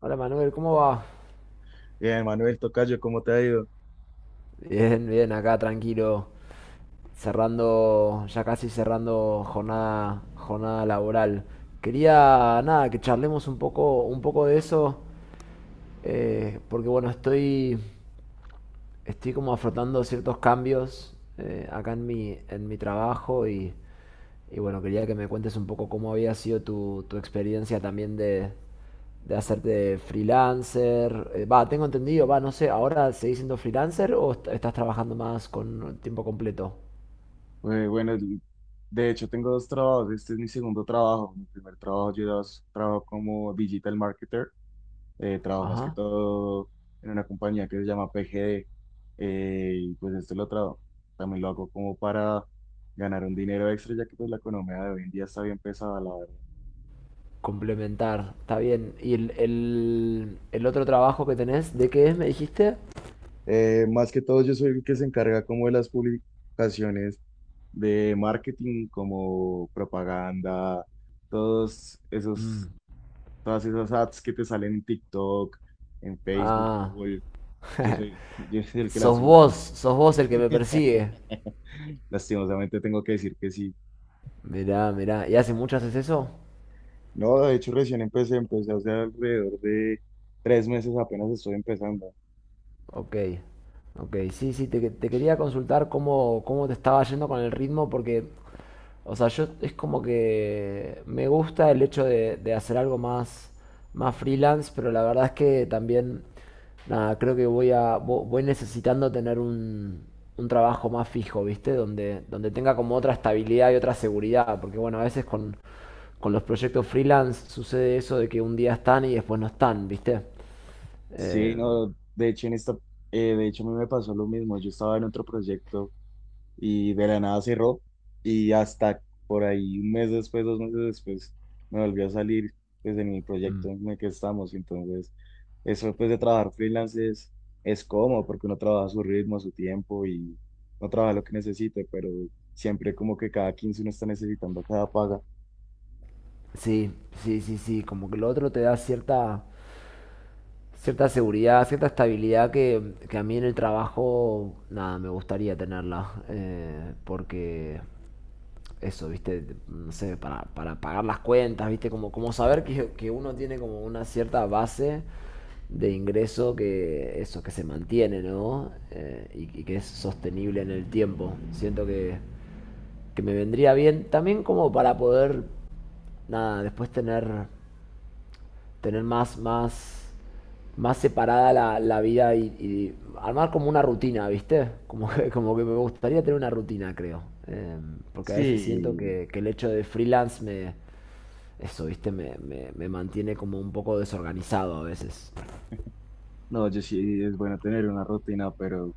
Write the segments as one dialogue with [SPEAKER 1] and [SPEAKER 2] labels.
[SPEAKER 1] Hola Manuel, ¿cómo va?
[SPEAKER 2] Bien, Manuel Tocayo, ¿cómo te ha ido?
[SPEAKER 1] Bien, bien, acá tranquilo, cerrando, ya casi cerrando jornada, jornada laboral. Quería, nada, que charlemos un poco de eso, porque bueno, estoy como afrontando ciertos cambios acá en en mi trabajo y bueno, quería que me cuentes un poco cómo había sido tu experiencia también de hacerte freelancer. Va, tengo entendido, va, no sé, ¿ahora seguís siendo freelancer o estás trabajando más con tiempo completo?
[SPEAKER 2] Güey, bueno, de hecho tengo dos trabajos, este es mi segundo trabajo, mi primer trabajo yo trabajo como digital marketer, trabajo más que
[SPEAKER 1] Ajá.
[SPEAKER 2] todo en una compañía que se llama PGD, y pues esto lo trabajo, también lo hago como para ganar un dinero extra, ya que pues la economía de hoy en día está bien pesada, la verdad.
[SPEAKER 1] Complementar, está bien. ¿Y el otro trabajo que tenés, de qué es, me dijiste?
[SPEAKER 2] Más que todo, yo soy el que se encarga como de las publicaciones de marketing, como propaganda, todos esos,
[SPEAKER 1] Mm.
[SPEAKER 2] todas esas ads que te salen en TikTok, en Facebook,
[SPEAKER 1] Ah,
[SPEAKER 2] Google. Yo soy, yo soy el que las subo.
[SPEAKER 1] sos vos el que me persigue.
[SPEAKER 2] Lastimosamente tengo que decir que sí.
[SPEAKER 1] Mirá, mirá, ¿y hace mucho haces eso?
[SPEAKER 2] No, de hecho recién empecé, empecé hace alrededor de tres meses, apenas estoy empezando.
[SPEAKER 1] Ok, ok, sí, sí, te quería consultar cómo te estaba yendo con el ritmo, porque, o sea, yo es como que me gusta el hecho de hacer algo más, más freelance, pero la verdad es que también, nada, creo que voy voy necesitando tener un trabajo más fijo, ¿viste? Donde tenga como otra estabilidad y otra seguridad, porque bueno, a veces con los proyectos freelance sucede eso de que un día están y después no están, ¿viste?
[SPEAKER 2] Sí, no, de hecho a mí me pasó lo mismo. Yo estaba en otro proyecto y de la nada cerró y hasta por ahí un mes después, dos meses después, me volvió a salir pues en el proyecto
[SPEAKER 1] Em,
[SPEAKER 2] en el que estamos. Entonces, eso pues de trabajar freelance es cómodo porque uno trabaja a su ritmo, a su tiempo y no trabaja lo que necesite, pero siempre como que cada 15 uno está necesitando cada paga.
[SPEAKER 1] Sí, sí, sí, sí, como que lo otro te da cierta, cierta seguridad, cierta estabilidad que a mí en el trabajo, nada, me gustaría tenerla, porque eso, viste, no sé, para pagar las cuentas, viste, como, como saber que uno tiene como una cierta base de ingreso que eso, que se mantiene, ¿no? Y que es sostenible en el tiempo. Siento que me vendría bien también como para poder, nada, después tener tener más, más, más separada la vida y armar como una rutina, ¿viste? Como que me gustaría tener una rutina, creo. Porque a veces siento
[SPEAKER 2] Sí,
[SPEAKER 1] que el hecho de freelance me, eso, ¿viste? Me mantiene como un poco desorganizado a veces.
[SPEAKER 2] no, yo sí, es bueno tener una rutina, pero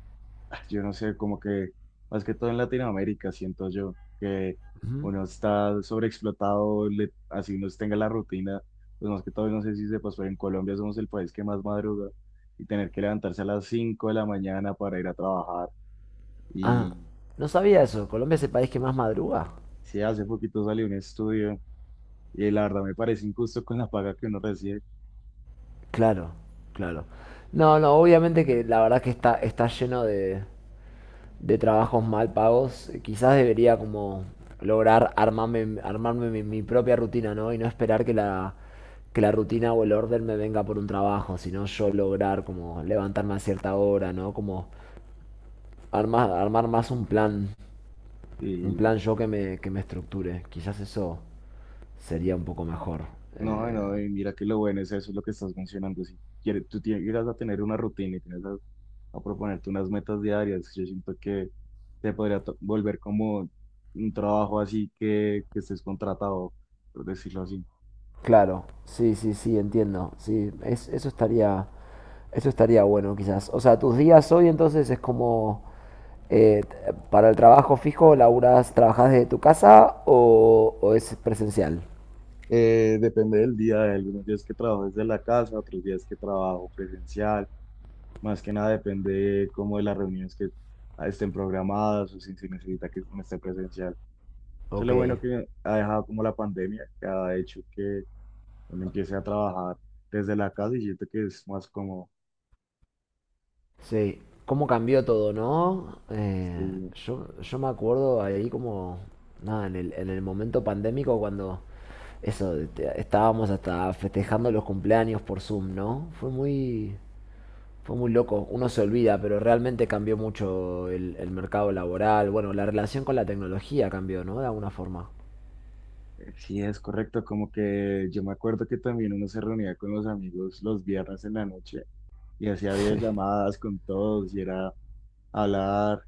[SPEAKER 2] yo no sé, como que más que todo en Latinoamérica siento yo que uno está sobreexplotado, así uno tenga la rutina, pues más que todo, no sé si sepas, pero en Colombia somos el país que más madruga y tener que levantarse a las 5 de la mañana para ir a trabajar.
[SPEAKER 1] Ah,
[SPEAKER 2] Y
[SPEAKER 1] no sabía eso. ¿Colombia es el país que más madruga?
[SPEAKER 2] sí, hace poquito salió un estudio y la verdad me parece injusto con la paga que uno recibe.
[SPEAKER 1] Claro, claro. No, no, obviamente que la verdad que está, está lleno de trabajos mal pagos, quizás debería como lograr armarme, armarme mi, mi propia rutina, ¿no? Y no esperar que la rutina o el orden me venga por un trabajo, sino yo lograr como levantarme a cierta hora, ¿no? Como armar, armar más un plan yo que me estructure. Quizás eso sería un poco mejor.
[SPEAKER 2] No,
[SPEAKER 1] Eh,
[SPEAKER 2] no, y mira que lo bueno es eso, es lo que estás mencionando. Si quieres, tú tienes, llegas a tener una rutina y tienes a proponerte unas metas diarias, yo siento que te podría volver como un trabajo así que estés contratado, por decirlo así.
[SPEAKER 1] claro, sí, sí, sí, entiendo. Sí, eso estaría bueno quizás. O sea, tus días hoy entonces es como Eh, ¿para el trabajo fijo laburas, trabajas desde tu casa o es presencial?
[SPEAKER 2] Depende del día, hay algunos días que trabajo desde la casa, otros días que trabajo presencial. Más que nada depende como de las reuniones que estén programadas o si se necesita que me esté presencial. Eso es
[SPEAKER 1] Ok,
[SPEAKER 2] lo bueno que ha dejado como la pandemia, que ha hecho que uno empiece a trabajar desde la casa y siento que es más como,
[SPEAKER 1] sí. ¿Cómo cambió todo, no?
[SPEAKER 2] sí,
[SPEAKER 1] Yo me acuerdo ahí como, nada, en en el momento pandémico cuando eso, estábamos hasta festejando los cumpleaños por Zoom, ¿no? Fue muy loco. Uno se olvida, pero realmente cambió mucho el mercado laboral. Bueno, la relación con la tecnología cambió, ¿no? De alguna forma.
[SPEAKER 2] sí es correcto, como que yo me acuerdo que también uno se reunía con los amigos los viernes en la noche y hacía
[SPEAKER 1] Sí,
[SPEAKER 2] videollamadas con todos y era hablar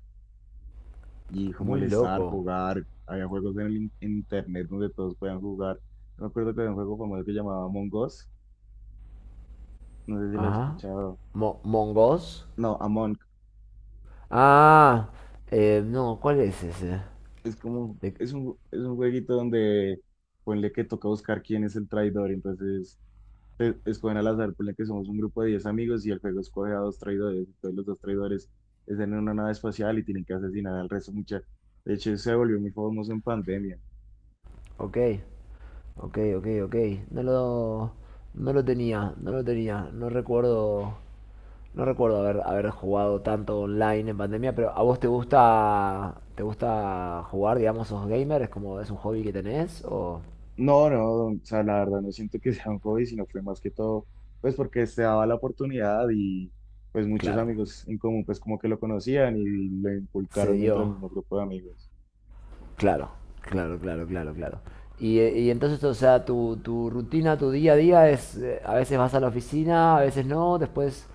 [SPEAKER 2] y como
[SPEAKER 1] muy
[SPEAKER 2] molestar,
[SPEAKER 1] loco.
[SPEAKER 2] jugar, había juegos en internet donde todos podían jugar. Me acuerdo que había un juego famoso que llamaba Among Us, no sé si lo has
[SPEAKER 1] Ajá.
[SPEAKER 2] escuchado.
[SPEAKER 1] Mo- Mongos.
[SPEAKER 2] No, Among,
[SPEAKER 1] Ah, no, ¿cuál es ese?
[SPEAKER 2] es como,
[SPEAKER 1] De-
[SPEAKER 2] es un jueguito donde ponle que toca buscar quién es el traidor, entonces escogen al azar, por la que somos un grupo de 10 amigos y el juego escoge a dos traidores. Entonces los dos traidores están en una nave espacial y tienen que asesinar al resto. Mucha... De hecho, se volvió muy famoso en pandemia.
[SPEAKER 1] ok, ok, ok, ok. No lo, no lo tenía, no lo tenía. No recuerdo, no recuerdo haber, haber jugado tanto online en pandemia, pero ¿a vos te gusta jugar, digamos, sos gamer? ¿Es como, es un hobby que tenés? O,
[SPEAKER 2] No, no, o sea, la verdad no siento que sea un hobby, sino fue más que todo, pues porque se daba la oportunidad y pues muchos
[SPEAKER 1] claro,
[SPEAKER 2] amigos en común pues como que lo conocían y lo
[SPEAKER 1] se
[SPEAKER 2] inculcaron dentro del
[SPEAKER 1] dio.
[SPEAKER 2] mismo grupo de amigos.
[SPEAKER 1] Claro, claro, claro, claro, claro. Y y entonces, o sea, tu rutina, tu día a día es, a veces vas a la oficina, a veces no, después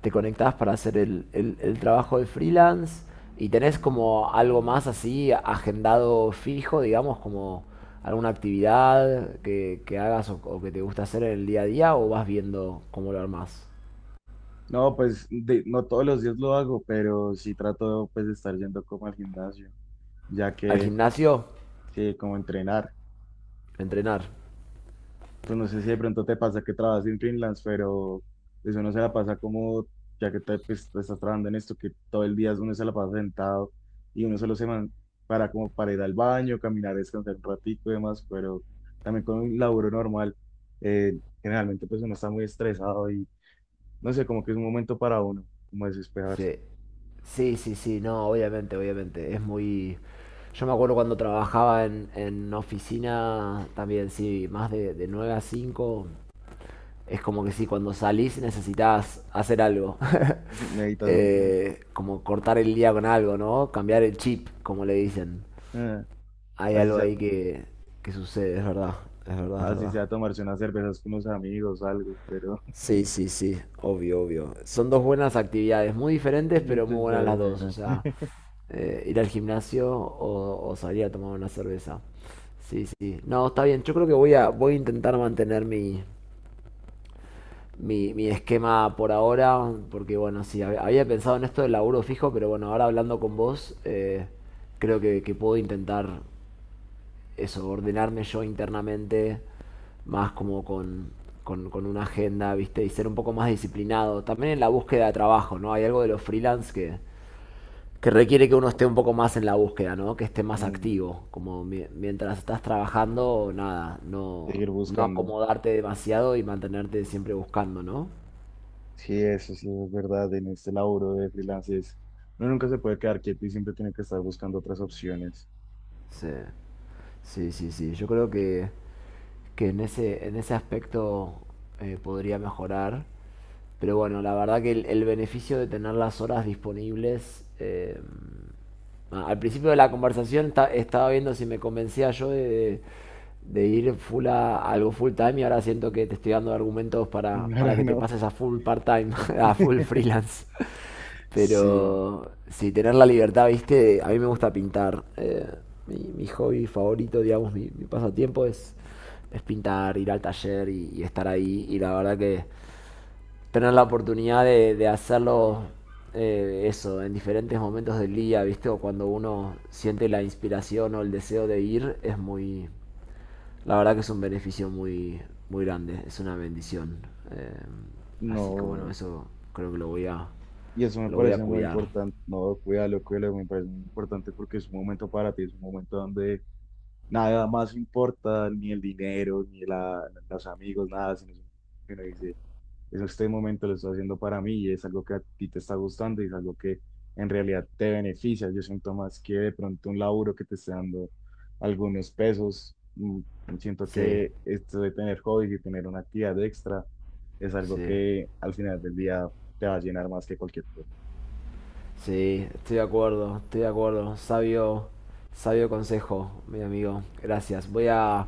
[SPEAKER 1] te conectás para hacer el trabajo de freelance y tenés como algo más así agendado fijo, digamos, como alguna actividad que hagas o que te gusta hacer en el día a día o vas viendo cómo lo armás.
[SPEAKER 2] No, pues no todos los días lo hago, pero sí trato pues de estar yendo como al gimnasio, ya
[SPEAKER 1] Al
[SPEAKER 2] que
[SPEAKER 1] gimnasio,
[SPEAKER 2] sí, como entrenar.
[SPEAKER 1] entrenar.
[SPEAKER 2] Pues no sé si de pronto te pasa que trabajas en freelance, pero eso no se la pasa como, ya que te, pues, te estás trabajando en esto, que todo el día uno se la pasa sentado y uno solo para como para ir al baño, caminar, descansar un ratico y demás, pero también con un laburo normal, generalmente pues uno está muy estresado y no sé, como que es un momento para uno, como
[SPEAKER 1] Sí.
[SPEAKER 2] desesperarse.
[SPEAKER 1] Sí, sí, sí, no, obviamente, obviamente. Es muy. Yo me acuerdo cuando trabajaba en oficina también, sí, más de 9 a 5. Es como que sí, cuando salís necesitas hacer algo.
[SPEAKER 2] Necesitas un tiempo.
[SPEAKER 1] Como cortar el día con algo, ¿no? Cambiar el chip, como le dicen.
[SPEAKER 2] Ah,
[SPEAKER 1] Hay
[SPEAKER 2] así
[SPEAKER 1] algo
[SPEAKER 2] sea,
[SPEAKER 1] ahí que sucede, es verdad, es verdad, es
[SPEAKER 2] así
[SPEAKER 1] verdad.
[SPEAKER 2] sea tomarse unas cervezas con unos amigos, algo, pero,
[SPEAKER 1] Sí, sí, sí, obvio, obvio. Son dos buenas actividades, muy diferentes, pero muy
[SPEAKER 2] entonces,
[SPEAKER 1] buenas
[SPEAKER 2] pero
[SPEAKER 1] las dos. O
[SPEAKER 2] bueno.
[SPEAKER 1] sea, ir al gimnasio o salir a tomar una cerveza. Sí, sí. No, está bien. Yo creo que voy a, voy a intentar mantener mi, mi, mi esquema por ahora, porque bueno, sí, había pensado en esto del laburo fijo, pero bueno, ahora hablando con vos, creo que puedo intentar eso, ordenarme yo internamente, más como con una agenda, ¿viste? Y ser un poco más disciplinado. También en la búsqueda de trabajo, ¿no? Hay algo de los freelance que requiere que uno esté un poco más en la búsqueda, ¿no? Que esté más
[SPEAKER 2] Mm.
[SPEAKER 1] activo. Como mientras estás trabajando, nada,
[SPEAKER 2] Seguir
[SPEAKER 1] no
[SPEAKER 2] buscando.
[SPEAKER 1] acomodarte demasiado y mantenerte siempre buscando, ¿no?
[SPEAKER 2] Sí, eso sí es verdad. En este laburo de freelance uno nunca se puede quedar quieto y siempre tiene que estar buscando otras opciones.
[SPEAKER 1] Sí, sí, sí, sí. Yo creo que en ese aspecto podría mejorar. Pero bueno, la verdad que el beneficio de tener las horas disponibles. Al principio de la conversación estaba viendo si me convencía yo de, de- de ir full a algo full time y ahora siento que te estoy dando argumentos para
[SPEAKER 2] Ahora
[SPEAKER 1] que te
[SPEAKER 2] no.
[SPEAKER 1] pases a full part time, a full freelance.
[SPEAKER 2] Sí,
[SPEAKER 1] Pero si tener la libertad, viste, a mí me gusta pintar. Mi hobby favorito, digamos, mi pasatiempo es pintar, ir al taller y estar ahí. Y la verdad que tener la oportunidad de hacerlo eso, en diferentes momentos del día, ¿viste? O cuando uno siente la inspiración o el deseo de ir, es muy. La verdad que es un beneficio muy, muy grande, es una bendición. Eh, Así que bueno,
[SPEAKER 2] no.
[SPEAKER 1] eso creo que
[SPEAKER 2] Y eso me
[SPEAKER 1] lo voy a
[SPEAKER 2] parece muy
[SPEAKER 1] cuidar.
[SPEAKER 2] importante. No, cuídalo, cuídalo, me parece muy importante porque es un momento para ti, es un momento donde nada más importa, ni el dinero, ni la, los amigos, nada, sino es un que uno dice, eso este momento lo estoy haciendo para mí y es algo que a ti te está gustando y es algo que en realidad te beneficia. Yo siento más que de pronto un laburo que te esté dando algunos pesos. Mm, siento
[SPEAKER 1] Sí,
[SPEAKER 2] que esto de tener hobbies y tener una actividad extra es algo
[SPEAKER 1] sí,
[SPEAKER 2] que al final del día te va a llenar más que cualquier cosa.
[SPEAKER 1] sí, estoy de acuerdo, estoy de acuerdo. Sabio, sabio consejo, mi amigo. Gracias. Voy a,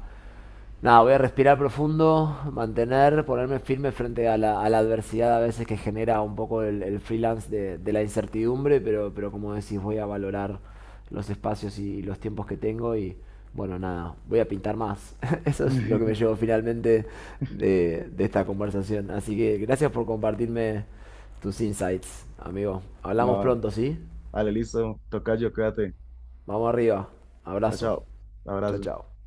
[SPEAKER 1] nada, voy a respirar profundo, mantener, ponerme firme frente a la adversidad a veces que genera un poco el freelance de la incertidumbre, pero como decís, voy a valorar los espacios los tiempos que tengo y bueno, nada, voy a pintar más. Eso es lo que me llevo finalmente de esta conversación. Así que gracias por compartirme tus insights, amigo. Hablamos
[SPEAKER 2] No, no.
[SPEAKER 1] pronto, ¿sí?
[SPEAKER 2] Vale, listo. Toca yo, cuídate.
[SPEAKER 1] Vamos arriba.
[SPEAKER 2] Chao,
[SPEAKER 1] Abrazo.
[SPEAKER 2] chao.
[SPEAKER 1] Chao,
[SPEAKER 2] Abrazo.
[SPEAKER 1] chao.